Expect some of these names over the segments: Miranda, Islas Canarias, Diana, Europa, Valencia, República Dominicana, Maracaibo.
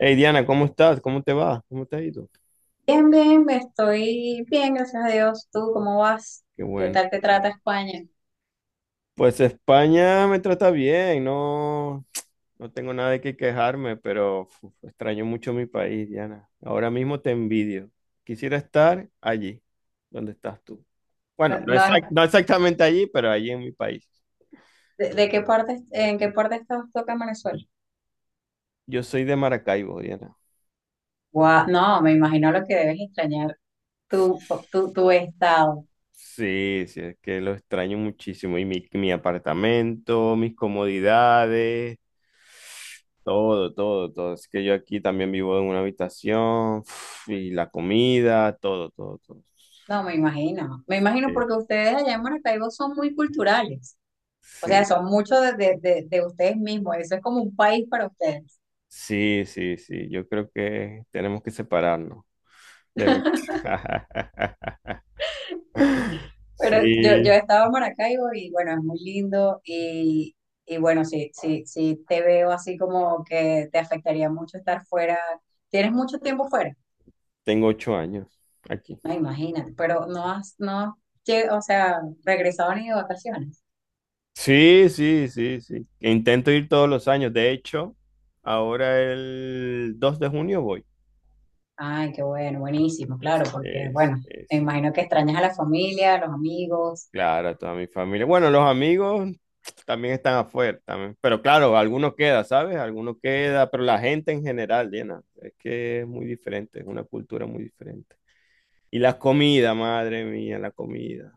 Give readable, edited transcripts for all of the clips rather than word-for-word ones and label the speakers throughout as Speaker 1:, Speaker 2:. Speaker 1: Hey Diana, ¿cómo estás? ¿Cómo te va? ¿Cómo te ha ido?
Speaker 2: Bien, bien, estoy bien, gracias a Dios. ¿Tú cómo vas?
Speaker 1: Qué
Speaker 2: ¿Qué
Speaker 1: bueno.
Speaker 2: tal te trata España?
Speaker 1: Pues España me trata bien, no, no tengo nada de qué quejarme, pero uf, extraño mucho mi país, Diana. Ahora mismo te envidio. Quisiera estar allí, donde estás tú. Bueno,
Speaker 2: No,
Speaker 1: no,
Speaker 2: no,
Speaker 1: no exactamente allí, pero allí en mi país.
Speaker 2: ¿de, qué parte, en qué parte estás tú acá en Venezuela?
Speaker 1: Yo soy de Maracaibo, Diana.
Speaker 2: Guau, no, me imagino lo que debes extrañar tu, tu estado.
Speaker 1: Sí, sí, es que lo extraño muchísimo. Y mi apartamento, mis comodidades, todo, todo, todo. Es que yo aquí también vivo en una habitación y la comida, todo, todo, todo.
Speaker 2: No, me imagino. Me imagino
Speaker 1: Eh,
Speaker 2: porque ustedes allá en Maracaibo son muy culturales. O
Speaker 1: Sí,
Speaker 2: sea, son mucho de, de ustedes mismos. Eso es como un país para ustedes.
Speaker 1: sí, sí, sí. Yo creo que tenemos que separarnos. De ver-
Speaker 2: Pero yo he
Speaker 1: Sí,
Speaker 2: estado en Maracaibo y bueno, es muy lindo y bueno, sí, sí, sí te veo así como que te afectaría mucho estar fuera. Tienes mucho tiempo fuera,
Speaker 1: tengo 8 años aquí.
Speaker 2: no, imagínate, pero no has regresado ni de vacaciones.
Speaker 1: Sí, sí, sí, sí. Intento ir todos los años. De hecho, ahora el 2 de junio voy.
Speaker 2: Ay, qué bueno, buenísimo, claro, porque
Speaker 1: Es-
Speaker 2: bueno, me
Speaker 1: es-
Speaker 2: imagino que extrañas a la familia, a los amigos.
Speaker 1: Claro, toda mi familia. Bueno, los amigos también están afuera, también. Pero claro, algunos queda, ¿sabes? Algunos queda, pero la gente en general, Diana, es que es muy diferente, es una cultura muy diferente. Y la comida, madre mía, la comida.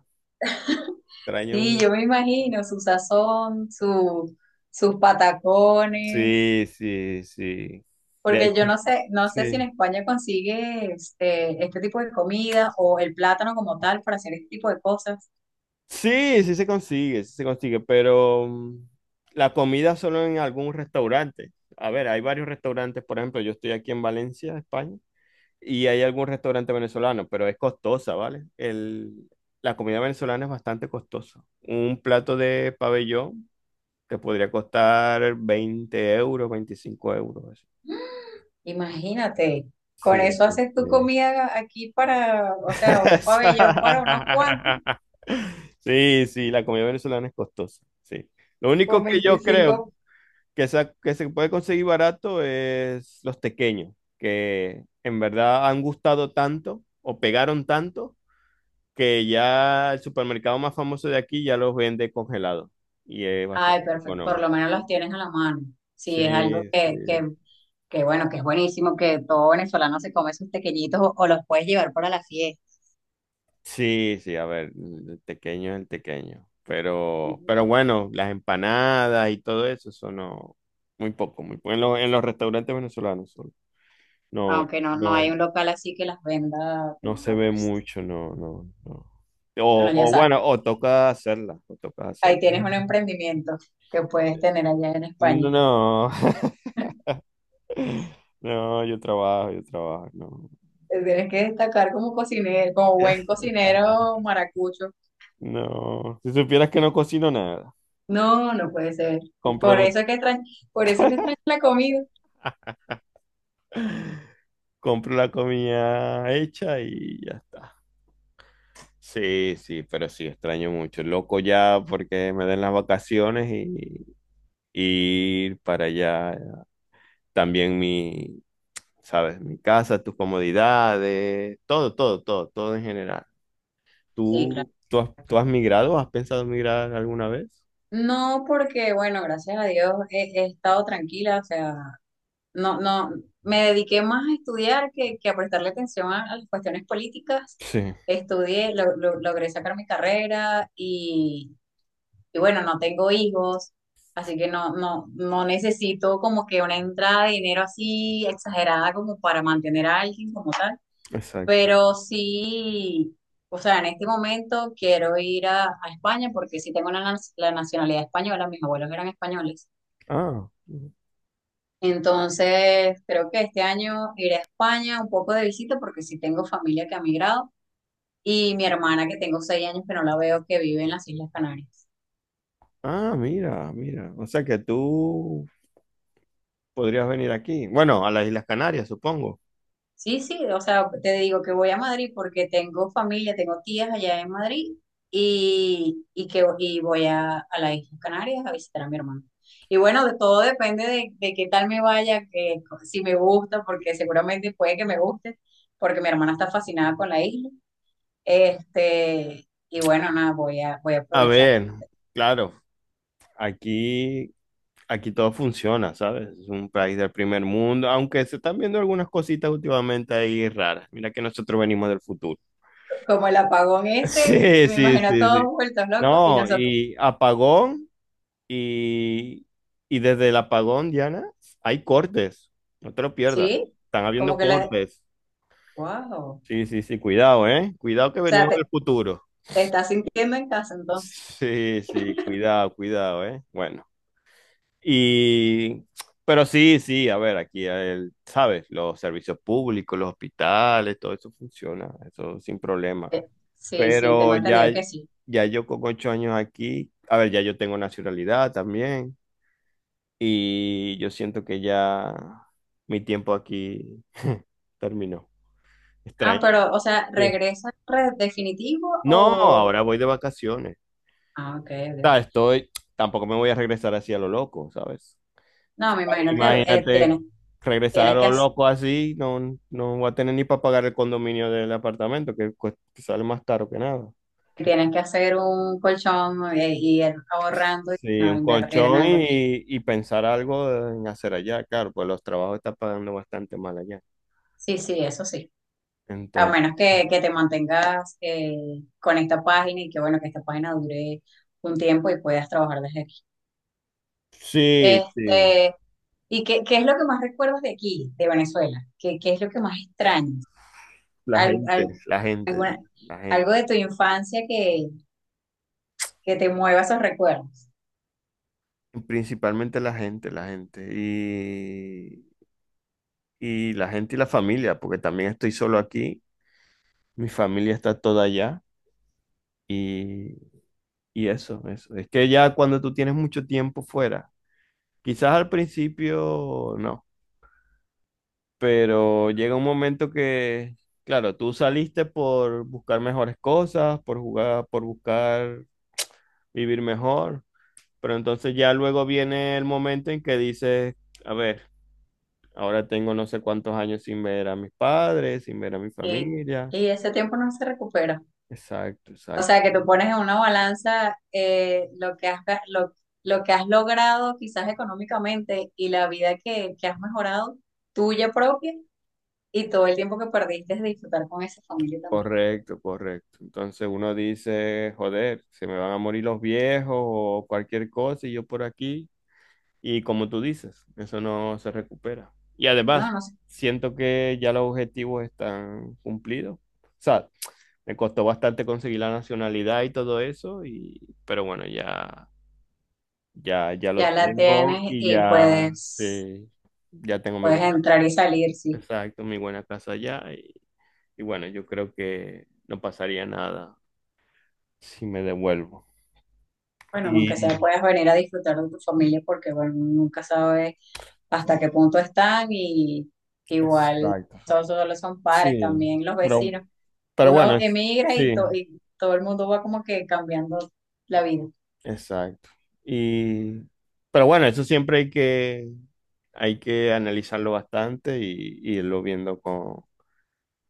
Speaker 1: Extraño.
Speaker 2: Sí,
Speaker 1: un-
Speaker 2: yo me imagino su sazón, su, sus patacones.
Speaker 1: Sí, sí, sí. De
Speaker 2: Porque yo
Speaker 1: hecho,
Speaker 2: no sé, no sé si en
Speaker 1: sí.
Speaker 2: España consigues este tipo de comida o el plátano como tal para hacer este tipo de cosas.
Speaker 1: Sí, sí se consigue, pero la comida solo en algún restaurante. A ver, hay varios restaurantes, por ejemplo, yo estoy aquí en Valencia, España, y hay algún restaurante venezolano, pero es costosa, ¿vale? La comida venezolana es bastante costosa. Un plato de pabellón te podría costar 20 euros, 25 euros, así.
Speaker 2: Imagínate, con
Speaker 1: Sí,
Speaker 2: eso haces tu
Speaker 1: sí.
Speaker 2: comida aquí para, o sea, un pabellón para unos cuantos,
Speaker 1: Sí, sí, la comida venezolana es costosa, sí. Lo
Speaker 2: con
Speaker 1: único que yo creo
Speaker 2: 25.
Speaker 1: que se puede conseguir barato es los tequeños, que en verdad han gustado tanto o pegaron tanto que ya el supermercado más famoso de aquí ya los vende congelados y es
Speaker 2: Ay,
Speaker 1: bastante
Speaker 2: perfecto, por
Speaker 1: económico.
Speaker 2: lo menos los tienes a la mano. Sí, es algo
Speaker 1: Sí, sí.
Speaker 2: que bueno, que es buenísimo, que todo venezolano se come sus tequeñitos o los puedes llevar para la fiesta.
Speaker 1: Sí, sí, a ver, el tequeño es el tequeño.
Speaker 2: Ujú.
Speaker 1: Pero bueno, las empanadas y todo eso, eso no, muy poco, muy poco. En en los restaurantes venezolanos solo. No,
Speaker 2: Aunque no, no
Speaker 1: no,
Speaker 2: hay un local así que las venda
Speaker 1: no
Speaker 2: como
Speaker 1: se
Speaker 2: acá,
Speaker 1: ve
Speaker 2: pues.
Speaker 1: mucho, no, no, no.
Speaker 2: Bueno, ya
Speaker 1: O
Speaker 2: sabes.
Speaker 1: bueno, o toca hacerla, o toca
Speaker 2: Ahí
Speaker 1: hacerla.
Speaker 2: tienes un emprendimiento que puedes tener allá en España.
Speaker 1: No, no, no, yo trabajo, no.
Speaker 2: Te Tienes que destacar como cocinero, como buen cocinero maracucho.
Speaker 1: No, si supieras que no cocino nada,
Speaker 2: No, no puede ser.
Speaker 1: compro
Speaker 2: Por eso
Speaker 1: la,
Speaker 2: es que extraño, por eso es que extraño la comida.
Speaker 1: compro la comida hecha y ya está. Sí, sí, pero sí, extraño mucho. Loco ya porque me den las vacaciones y ir para allá. También mi, sabes, mi casa, tus comodidades, todo, todo, todo, todo en general.
Speaker 2: Sí, claro.
Speaker 1: ¿Tú has migrado? ¿Has pensado migrar alguna vez?
Speaker 2: No, porque bueno, gracias a Dios he estado tranquila, o sea, no, no, me dediqué más a estudiar que a prestarle atención a las cuestiones políticas.
Speaker 1: Sí,
Speaker 2: Estudié, logré sacar mi carrera y. Y bueno, no tengo hijos, así que no, no, no necesito como que una entrada de dinero así exagerada como para mantener a alguien como tal.
Speaker 1: exacto.
Speaker 2: Pero sí, o sea, en este momento quiero ir a España porque sí tengo la nacionalidad española, mis abuelos eran españoles.
Speaker 1: Ah,
Speaker 2: Entonces, creo que este año iré a España un poco de visita porque sí tengo familia que ha migrado y mi hermana que tengo 6 años que no la veo que vive en las Islas Canarias.
Speaker 1: mira, mira. O sea que tú podrías venir aquí. Bueno, a las Islas Canarias, supongo.
Speaker 2: Sí, sí, o sea, te digo que voy a Madrid porque tengo familia, tengo tías allá en Madrid y que y voy a las Islas Canarias a visitar a mi hermano. Y bueno, de todo depende de qué tal me vaya, que si me gusta, porque seguramente puede que me guste, porque mi hermana está fascinada con la isla. Este, y bueno, nada, voy a, voy a
Speaker 1: A
Speaker 2: aprovechar.
Speaker 1: ver, claro, aquí, aquí todo funciona, ¿sabes? Es un país del primer mundo, aunque se están viendo algunas cositas últimamente ahí raras. Mira que nosotros venimos del futuro.
Speaker 2: Como el apagón ese,
Speaker 1: Sí,
Speaker 2: me
Speaker 1: sí,
Speaker 2: imagino a
Speaker 1: sí,
Speaker 2: todos
Speaker 1: sí.
Speaker 2: vueltos locos y
Speaker 1: No,
Speaker 2: nosotros,
Speaker 1: y apagón, y, y desde el apagón, Diana, hay cortes. No te lo pierdas.
Speaker 2: sí,
Speaker 1: Están
Speaker 2: como
Speaker 1: habiendo
Speaker 2: que le,
Speaker 1: cortes.
Speaker 2: wow. O
Speaker 1: Sí, sí, sí, cuidado, ¿eh? Cuidado que
Speaker 2: sea,
Speaker 1: venimos del futuro.
Speaker 2: ¿te estás sintiendo en casa entonces?
Speaker 1: Sí, sí, cuidado, cuidado, ¿eh? Bueno, y, pero sí, sí, a ver, ¿sabes? Los servicios públicos, los hospitales, todo eso funciona, eso sin problema.
Speaker 2: Eh, Sí, sí, tengo
Speaker 1: Pero ya,
Speaker 2: entendido que sí.
Speaker 1: ya yo con 8 años aquí, a ver, ya yo tengo nacionalidad también y yo siento que ya mi tiempo aquí terminó.
Speaker 2: Ah,
Speaker 1: Extraño.
Speaker 2: pero, o sea,
Speaker 1: Sí.
Speaker 2: ¿regresa definitivo
Speaker 1: No,
Speaker 2: o...?
Speaker 1: ahora voy de vacaciones.
Speaker 2: Ah, ok,
Speaker 1: Sea,
Speaker 2: ok.
Speaker 1: estoy, tampoco me voy a regresar así a lo loco, ¿sabes?
Speaker 2: No, me imagino que
Speaker 1: Imagínate
Speaker 2: tienes,
Speaker 1: regresar
Speaker 2: tienes
Speaker 1: a
Speaker 2: que
Speaker 1: lo
Speaker 2: hacer,
Speaker 1: loco así, no, no voy a tener ni para pagar el condominio del apartamento, que sale más caro que nada.
Speaker 2: tienes que hacer un colchón y ir ahorrando y
Speaker 1: Sí,
Speaker 2: no
Speaker 1: un
Speaker 2: invertir en
Speaker 1: colchón
Speaker 2: algo aquí.
Speaker 1: y pensar algo en hacer allá, claro, pues los trabajos están pagando bastante mal allá.
Speaker 2: Sí, sí, eso sí. A menos
Speaker 1: Entonces,
Speaker 2: que te mantengas con esta página y que, bueno, que esta página dure un tiempo y puedas trabajar desde.
Speaker 1: sí, sí,
Speaker 2: Este, ¿y qué, qué es lo que más recuerdas de aquí, de Venezuela? ¿Qué, qué es lo que más extrañas?
Speaker 1: la
Speaker 2: Al-
Speaker 1: gente,
Speaker 2: al-
Speaker 1: la gente,
Speaker 2: alguna-
Speaker 1: la gente,
Speaker 2: algo de tu infancia que te mueva esos recuerdos.
Speaker 1: principalmente la gente, y la gente y la familia, porque también estoy solo aquí, mi familia está toda allá y, y eso, eso. Es que ya cuando tú tienes mucho tiempo fuera, quizás al principio no, pero llega un momento que, claro, tú saliste por buscar mejores cosas, por jugar, por buscar vivir mejor, pero entonces ya luego viene el momento en que dices, a ver, ahora tengo no sé cuántos años sin ver a mis padres, sin ver a mi
Speaker 2: Y,
Speaker 1: familia.
Speaker 2: y ese tiempo no se recupera.
Speaker 1: Exacto,
Speaker 2: O
Speaker 1: exacto.
Speaker 2: sea, que tú pones en una balanza lo que has, lo que has logrado quizás económicamente y la vida que has mejorado, tuya propia, y todo el tiempo que perdiste de disfrutar con esa familia también.
Speaker 1: Correcto, correcto. Entonces uno dice, joder, se me van a morir los viejos o cualquier cosa y yo por aquí. Y como tú dices, eso no se recupera. Y
Speaker 2: No,
Speaker 1: además,
Speaker 2: no sé,
Speaker 1: siento que ya los objetivos están cumplidos. O sea, me costó bastante conseguir la nacionalidad y todo eso, y, pero bueno, ya, ya, ya lo
Speaker 2: ya la
Speaker 1: tengo
Speaker 2: tienes
Speaker 1: y
Speaker 2: y
Speaker 1: ya, sí,
Speaker 2: puedes.
Speaker 1: ya tengo mi
Speaker 2: Puedes
Speaker 1: buena,
Speaker 2: entrar y salir, sí.
Speaker 1: exacto, mi buena casa allá y bueno, yo creo que no pasaría nada si me devuelvo.
Speaker 2: Bueno, aunque sea
Speaker 1: Y
Speaker 2: puedes venir a disfrutar de tu familia porque, bueno, nunca sabes hasta qué punto están y igual
Speaker 1: exacto.
Speaker 2: todos solo son padres,
Speaker 1: Sí,
Speaker 2: también los
Speaker 1: pero,
Speaker 2: vecinos.
Speaker 1: pero
Speaker 2: Uno
Speaker 1: bueno,
Speaker 2: emigra y,
Speaker 1: sí,
Speaker 2: y todo el mundo va como que cambiando la vida.
Speaker 1: exacto. Y pero bueno, eso siempre hay que analizarlo bastante y irlo viendo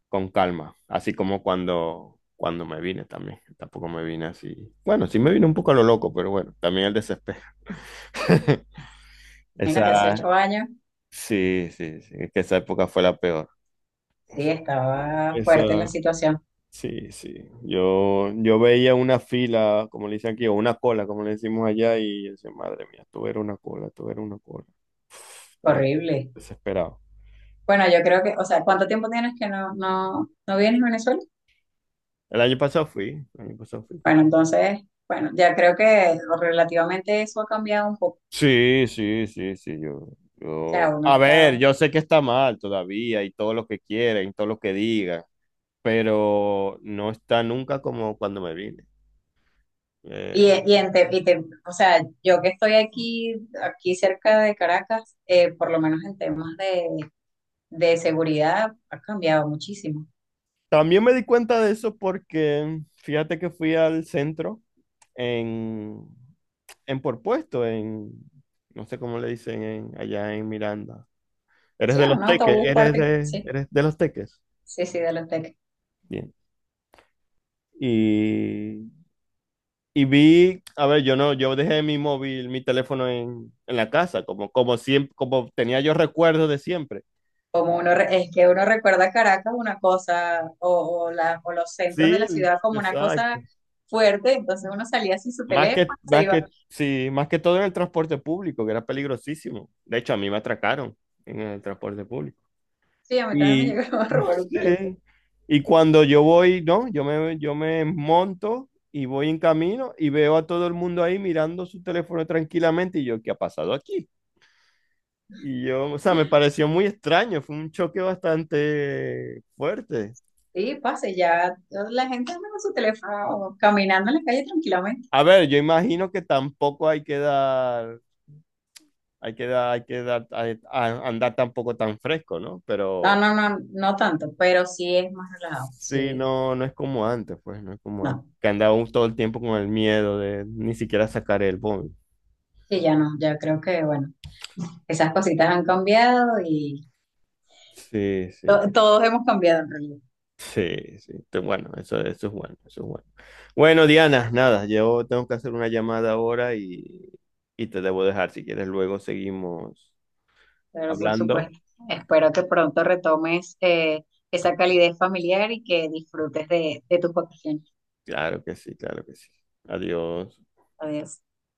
Speaker 1: con calma, así como cuando me vine también. Tampoco me vine así. Bueno, sí me vine un poco a lo loco, pero bueno, también el desespero.
Speaker 2: Imagínate, hace
Speaker 1: Esa
Speaker 2: 8 años,
Speaker 1: sí, sí, sí, es que esa época fue la peor.
Speaker 2: sí, estaba
Speaker 1: Esa
Speaker 2: fuerte la situación,
Speaker 1: Sí, sí. Yo veía una fila, como le dicen aquí, o una cola, como le decimos allá, y yo decía, madre mía, esto era una cola, esto era una cola. Estaba
Speaker 2: horrible.
Speaker 1: desesperado.
Speaker 2: Bueno, yo creo que, o sea, ¿cuánto tiempo tienes que no, no, no vienes a Venezuela?
Speaker 1: El año pasado fui, el año pasado fui.
Speaker 2: Bueno, entonces, bueno, ya creo que relativamente eso ha cambiado un poco.
Speaker 1: Sí, sí, sí, sí,
Speaker 2: O sea,
Speaker 1: yo...
Speaker 2: uno
Speaker 1: A ver,
Speaker 2: está.
Speaker 1: yo sé que está mal todavía y todo lo que quieren, y todo lo que digan, pero no está nunca como cuando me vine.
Speaker 2: Y,
Speaker 1: Eh,
Speaker 2: y, en Te- y Te- o sea, yo que estoy aquí, aquí cerca de Caracas, por lo menos en temas de seguridad, ha cambiado muchísimo.
Speaker 1: también me di cuenta de eso porque fíjate que fui al centro en, en por puesto, en, no sé cómo le dicen allá en Miranda. Eres
Speaker 2: Sí,
Speaker 1: de los
Speaker 2: un
Speaker 1: Teques,
Speaker 2: autobús parte, sí,
Speaker 1: eres de los Teques.
Speaker 2: sí, sí, de los teques.
Speaker 1: Bien. Y, y vi, a ver, yo no, yo dejé mi móvil, mi teléfono en la casa, como, como siempre, como tenía yo recuerdos de siempre.
Speaker 2: Como uno, es que uno recuerda Caracas una cosa, o, o los centros de
Speaker 1: Sí,
Speaker 2: la ciudad como una cosa
Speaker 1: exacto.
Speaker 2: fuerte, entonces uno salía sin su teléfono, se iba,
Speaker 1: Sí, más que todo en el transporte público, que era peligrosísimo. De hecho, a mí me atracaron en el transporte público.
Speaker 2: sí, a mí también me
Speaker 1: Y,
Speaker 2: llegaron a robar un teléfono.
Speaker 1: sí, y cuando yo voy, ¿no? Yo me monto y voy en camino y veo a todo el mundo ahí mirando su teléfono tranquilamente y yo, ¿qué ha pasado aquí? Y yo, o sea, me pareció muy extraño, fue un choque bastante fuerte.
Speaker 2: Sí, pase, ya la gente anda con su teléfono caminando en la calle tranquilamente.
Speaker 1: A ver, yo imagino que tampoco hay que hay que dar, andar tampoco tan fresco, ¿no?
Speaker 2: No,
Speaker 1: Pero...
Speaker 2: no, no, no tanto, pero sí es más relajado.
Speaker 1: Sí,
Speaker 2: Sí,
Speaker 1: no, no es como antes, pues, no es como antes.
Speaker 2: no,
Speaker 1: Que andábamos todo el tiempo con el miedo de ni siquiera sacar el móvil.
Speaker 2: sí, ya no, ya creo que, bueno, esas cositas han cambiado y
Speaker 1: Sí, sí,
Speaker 2: todos hemos cambiado en realidad.
Speaker 1: sí, sí. Bueno, eso es bueno, eso es bueno. Bueno, Diana, nada, yo tengo que hacer una llamada ahora y te debo dejar. Si quieres, luego seguimos
Speaker 2: Pero por
Speaker 1: hablando.
Speaker 2: supuesto, espero que pronto retomes esa calidez familiar y que disfrutes de tus vacaciones.
Speaker 1: Claro que sí, claro que sí. Adiós.
Speaker 2: Adiós.